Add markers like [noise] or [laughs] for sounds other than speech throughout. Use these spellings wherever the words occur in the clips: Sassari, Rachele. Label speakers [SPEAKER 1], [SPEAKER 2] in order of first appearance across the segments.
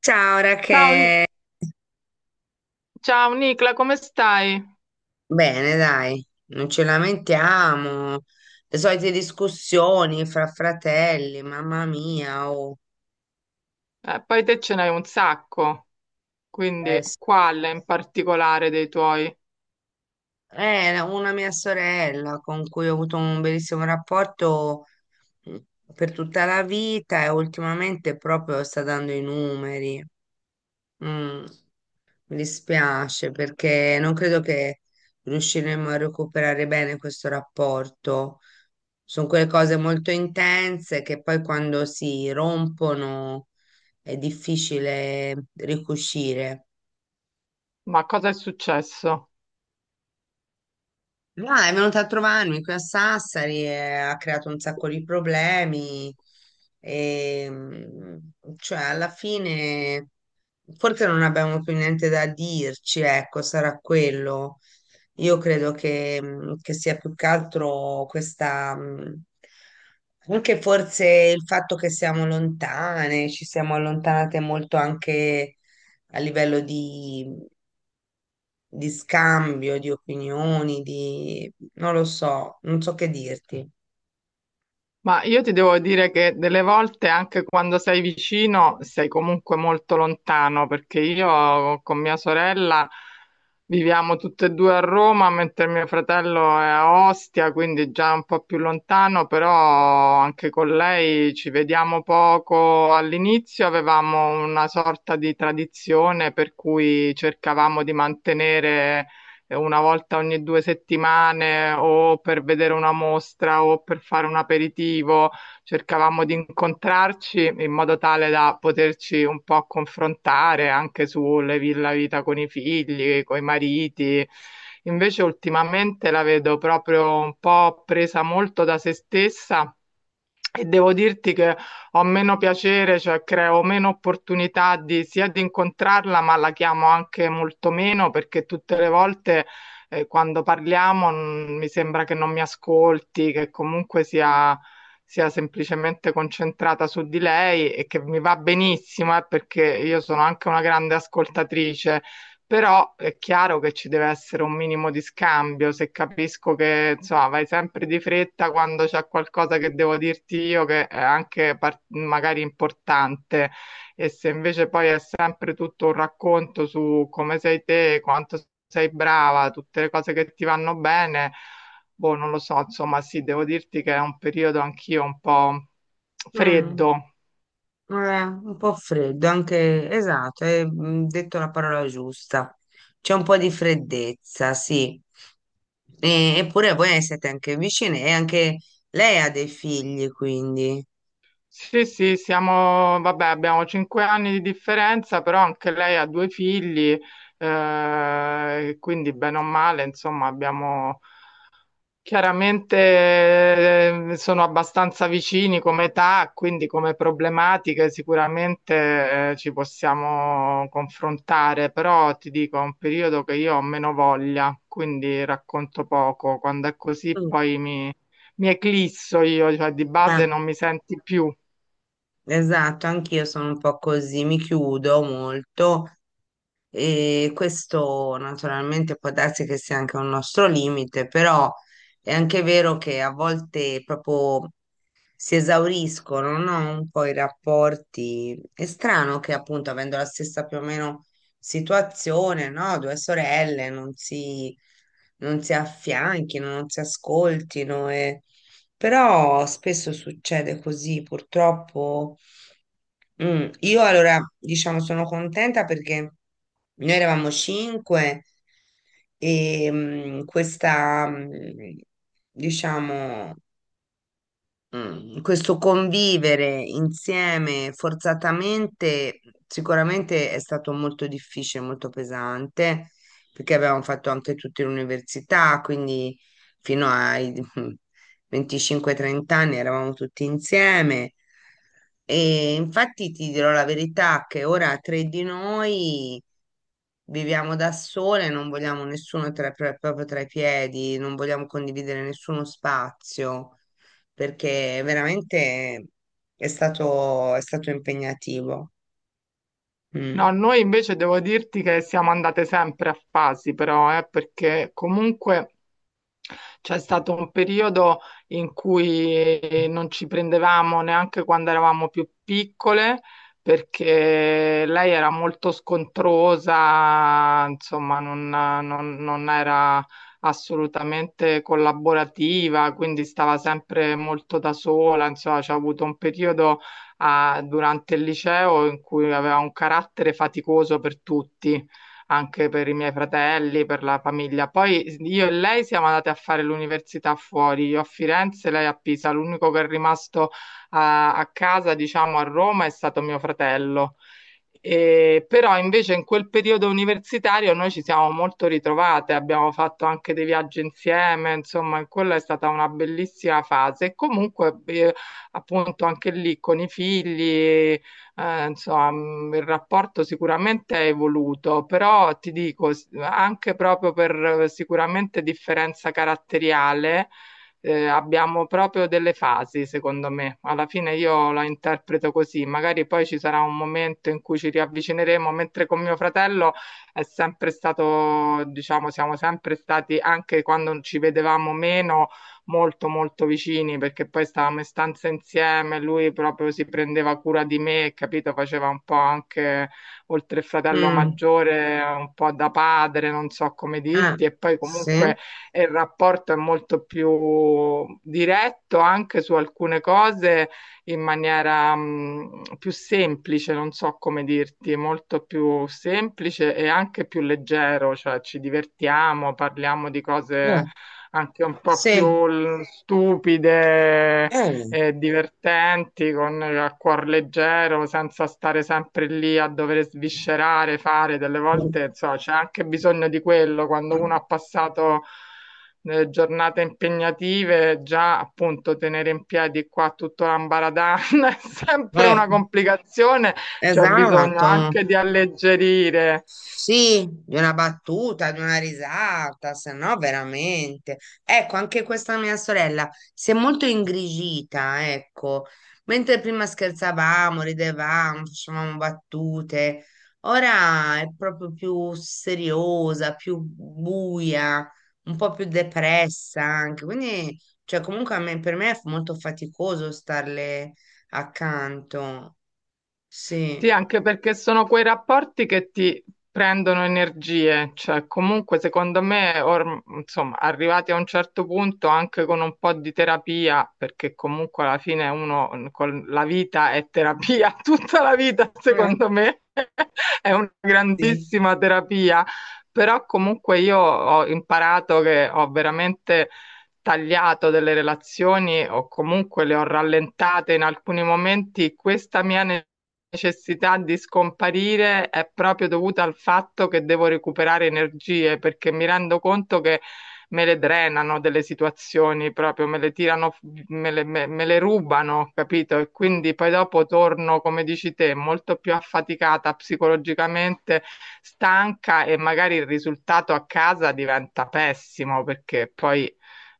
[SPEAKER 1] Ciao
[SPEAKER 2] Ciao,
[SPEAKER 1] Rachele,
[SPEAKER 2] ciao Nicla, come stai?
[SPEAKER 1] bene dai, non ci lamentiamo, le solite discussioni fra fratelli, mamma mia, oh,
[SPEAKER 2] Poi te ce n'hai un sacco, quindi
[SPEAKER 1] eh, s-
[SPEAKER 2] quale in particolare dei tuoi?
[SPEAKER 1] una mia sorella con cui ho avuto un bellissimo rapporto mm, per tutta la vita e ultimamente proprio sta dando i numeri. Mm. Mi dispiace perché non credo che riusciremo a recuperare bene questo rapporto. Sono quelle cose molto intense che poi quando si rompono è difficile ricucire.
[SPEAKER 2] Ma cosa è successo?
[SPEAKER 1] Ma è venuta a trovarmi qui a Sassari e ha creato un sacco di problemi. E, mm, cioè, alla fine forse non abbiamo più niente da dirci, ecco, sarà quello. Io credo che sia più che altro questa, anche forse il fatto che siamo lontane, ci siamo allontanate molto anche a livello di scambio, di opinioni, di, non lo so, non so che dirti.
[SPEAKER 2] Ma io ti devo dire che delle volte, anche quando sei vicino, sei comunque molto lontano, perché io con mia sorella viviamo tutte e due a Roma, mentre mio fratello è a Ostia, quindi già un po' più lontano, però anche con lei ci vediamo poco. All'inizio avevamo una sorta di tradizione per cui cercavamo di mantenere una volta ogni 2 settimane o per vedere una mostra o per fare un aperitivo, cercavamo di incontrarci in modo tale da poterci un po' confrontare anche sulle la vita con i figli, con i mariti. Invece ultimamente la vedo proprio un po' presa molto da se stessa e devo dirti che ho meno piacere, cioè creo meno opportunità di, sia di incontrarla, ma la chiamo anche molto meno perché tutte le volte quando parliamo mi sembra che non mi ascolti, che comunque sia, sia semplicemente concentrata su di lei e che mi va benissimo, perché io sono anche una grande ascoltatrice, però è chiaro che ci deve essere un minimo di scambio, se capisco che insomma vai sempre di fretta quando c'è qualcosa che devo dirti io che è anche magari importante, e se invece poi è sempre tutto un racconto su come sei te, quanto sei brava, tutte le cose che ti vanno bene, boh, non lo so, insomma sì, devo dirti che è un periodo anch'io un po'
[SPEAKER 1] Mm.
[SPEAKER 2] freddo.
[SPEAKER 1] Eh, un po' freddo, anche esatto, hai detto la parola giusta. C'è un po' di freddezza, sì. Eppure voi siete anche vicine e anche lei ha dei figli, quindi.
[SPEAKER 2] Sì, sì, siamo, vabbè, abbiamo 5 anni di differenza, però anche lei ha due figli, quindi bene o male, insomma, abbiamo chiaramente, sono abbastanza vicini come età, quindi come problematiche sicuramente, ci possiamo confrontare, però ti dico, è un periodo che io ho meno voglia, quindi racconto poco. Quando è così
[SPEAKER 1] Mm.
[SPEAKER 2] poi mi eclisso io, cioè di
[SPEAKER 1] Eh,
[SPEAKER 2] base non mi senti più.
[SPEAKER 1] esatto, anch'io sono un po' così, mi chiudo molto e questo naturalmente può darsi che sia anche un nostro limite, però è anche vero che a volte proprio si esauriscono, no? Un po' i rapporti. È strano che appunto avendo la stessa più o meno situazione, no? Due sorelle non si affianchino, non si ascoltino e... Però spesso succede così, purtroppo. Io allora, diciamo, sono contenta perché noi eravamo cinque e diciamo, questo convivere insieme forzatamente sicuramente è stato molto difficile, molto pesante, perché avevamo fatto anche tutti l'università, quindi fino ai [laughs] 25-30 anni eravamo tutti insieme. E infatti ti dirò la verità che ora tre di noi viviamo da sole, non vogliamo nessuno proprio tra i piedi, non vogliamo condividere nessuno spazio, perché veramente è stato impegnativo.
[SPEAKER 2] No,
[SPEAKER 1] Mm.
[SPEAKER 2] noi invece devo dirti che siamo andate sempre a fasi, però, perché comunque c'è stato un periodo in cui non ci prendevamo neanche quando eravamo più piccole, perché lei era molto scontrosa, insomma, non era assolutamente collaborativa, quindi stava sempre molto da sola, insomma, c'è avuto un periodo durante il liceo in cui aveva un carattere faticoso per tutti, anche per i miei fratelli, per la famiglia. Poi io e lei siamo andate a fare l'università fuori, io a Firenze, lei a Pisa. L'unico che è rimasto a casa, diciamo, a Roma è stato mio fratello. Però invece in quel periodo universitario noi ci siamo molto ritrovate, abbiamo fatto anche dei viaggi insieme, insomma, quella è stata una bellissima fase. E comunque, appunto, anche lì con i figli, insomma, il rapporto sicuramente è evoluto, però ti dico, anche proprio per sicuramente differenza caratteriale, abbiamo proprio delle fasi, secondo me. Alla fine io la interpreto così, magari poi ci sarà un momento in cui ci riavvicineremo, mentre con mio fratello è sempre stato, diciamo, siamo sempre stati, anche quando ci vedevamo meno, molto molto vicini, perché poi stavamo in stanza insieme, lui proprio si prendeva cura di me, capito? Faceva un po' anche, oltre il fratello
[SPEAKER 1] Mm.
[SPEAKER 2] maggiore, un po' da padre, non so come
[SPEAKER 1] Ah,
[SPEAKER 2] dirti, e poi
[SPEAKER 1] sì?
[SPEAKER 2] comunque e il rapporto è molto più diretto anche su alcune cose in maniera più semplice, non so come dirti, molto più semplice e anche più leggero, cioè ci divertiamo, parliamo di cose anche un po'
[SPEAKER 1] Sì.
[SPEAKER 2] più stupide,
[SPEAKER 1] Eh.
[SPEAKER 2] divertenti, con il cuor leggero, senza stare sempre lì a dover sviscerare, fare delle volte, insomma, c'è anche bisogno di quello quando uno ha passato giornate impegnative, già appunto tenere in piedi qua tutto l'ambaradan [laughs] è sempre
[SPEAKER 1] Eh,
[SPEAKER 2] una complicazione, c'è bisogno
[SPEAKER 1] esatto.
[SPEAKER 2] anche di alleggerire.
[SPEAKER 1] Sì, di una battuta, di una risata, se no veramente. Ecco, anche questa mia sorella si è molto ingrigita, ecco. Mentre prima scherzavamo, ridevamo, facevamo battute, ora è proprio più seriosa, più buia, un po' più depressa anche. Quindi, cioè, comunque per me è molto faticoso starle accanto.
[SPEAKER 2] Sì,
[SPEAKER 1] Sì.
[SPEAKER 2] anche perché sono quei rapporti che ti prendono energie, cioè comunque secondo me, insomma, arrivati a un certo punto anche con un po' di terapia, perché comunque alla fine uno con la vita è terapia, [laughs] tutta la vita
[SPEAKER 1] Eh,
[SPEAKER 2] secondo me [laughs] è una
[SPEAKER 1] sì.
[SPEAKER 2] grandissima terapia, però comunque io ho imparato che ho veramente tagliato delle relazioni o comunque le ho rallentate in alcuni momenti. Questa mia necessità di scomparire è proprio dovuta al fatto che devo recuperare energie, perché mi rendo conto che me le drenano delle situazioni, proprio me le tirano, me le rubano, capito? E quindi poi dopo torno, come dici te, molto più affaticata psicologicamente, stanca, e magari il risultato a casa diventa pessimo, perché poi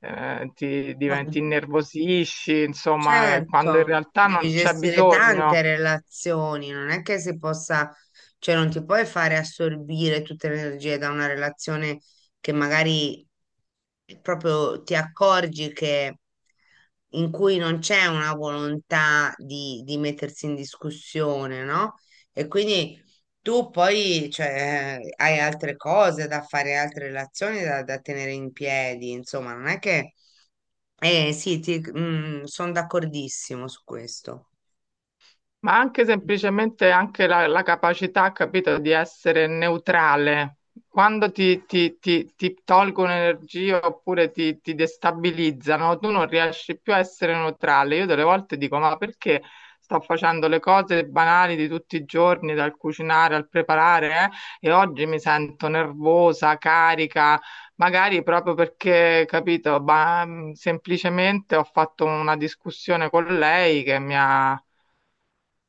[SPEAKER 2] ti innervosisci, insomma, quando in
[SPEAKER 1] Certo,
[SPEAKER 2] realtà
[SPEAKER 1] devi
[SPEAKER 2] non c'è
[SPEAKER 1] gestire tante
[SPEAKER 2] bisogno.
[SPEAKER 1] relazioni, non è che si possa, cioè non ti puoi fare assorbire tutte le energie da una relazione che magari proprio ti accorgi che in cui non c'è una volontà di mettersi in discussione, no? E quindi tu poi, cioè, hai altre cose da fare, altre relazioni da tenere in piedi, insomma, non è che eh sì, sono d'accordissimo su questo.
[SPEAKER 2] Ma anche semplicemente anche la capacità, capito, di essere neutrale. Quando ti tolgono energia oppure ti destabilizzano, tu non riesci più a essere neutrale. Io delle volte dico, ma perché sto facendo le cose banali di tutti i giorni, dal cucinare al preparare, e oggi mi sento nervosa, carica, magari proprio perché, capito, ma, semplicemente ho fatto una discussione con lei che mi ha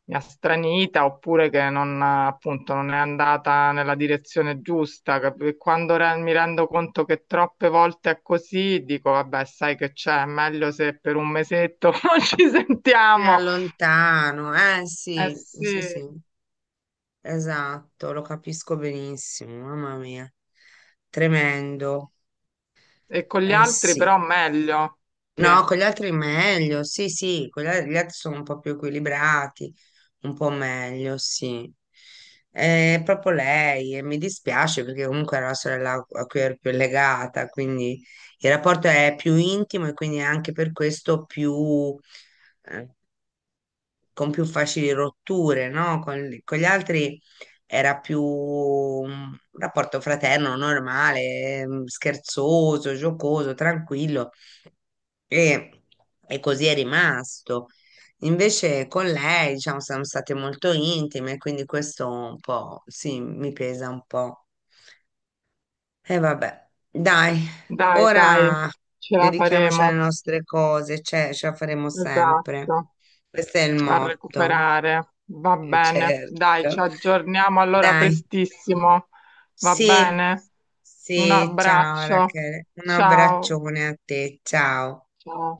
[SPEAKER 2] mi ha stranita, oppure che non, appunto, non è andata nella direzione giusta. E quando mi rendo conto che troppe volte è così, dico, vabbè, sai che c'è, è meglio se per un mesetto [laughs] non ci
[SPEAKER 1] Ti
[SPEAKER 2] sentiamo.
[SPEAKER 1] allontano, eh
[SPEAKER 2] Eh
[SPEAKER 1] sì,
[SPEAKER 2] sì,
[SPEAKER 1] sì, sì, esatto, lo capisco benissimo, mamma mia, tremendo,
[SPEAKER 2] e con gli
[SPEAKER 1] eh
[SPEAKER 2] altri
[SPEAKER 1] sì.
[SPEAKER 2] però meglio. Sì.
[SPEAKER 1] No, con gli altri meglio, sì, sì, gli altri sono un po' più equilibrati, un po' meglio, sì. È proprio lei e mi dispiace perché comunque era la sorella a cui ero più legata, quindi il rapporto è più intimo e quindi anche per questo eh, con più facili rotture, no? Con gli altri era più un rapporto fraterno, normale, scherzoso, giocoso, tranquillo e, e così è rimasto. Invece con lei, diciamo, siamo state molto intime, quindi questo un po', sì, mi pesa un po'. E vabbè, dai,
[SPEAKER 2] Dai, dai,
[SPEAKER 1] ora
[SPEAKER 2] ce la
[SPEAKER 1] dedichiamoci alle
[SPEAKER 2] faremo.
[SPEAKER 1] nostre cose, cioè, ce la faremo sempre.
[SPEAKER 2] Esatto.
[SPEAKER 1] Questo è il
[SPEAKER 2] A
[SPEAKER 1] motto.
[SPEAKER 2] recuperare. Va bene,
[SPEAKER 1] Certo.
[SPEAKER 2] dai, ci aggiorniamo allora
[SPEAKER 1] Dai,
[SPEAKER 2] prestissimo. Va
[SPEAKER 1] sì,
[SPEAKER 2] bene? Un
[SPEAKER 1] sì, ciao
[SPEAKER 2] abbraccio.
[SPEAKER 1] Rachele. Un
[SPEAKER 2] Ciao.
[SPEAKER 1] abbraccione a te, ciao.
[SPEAKER 2] Ciao.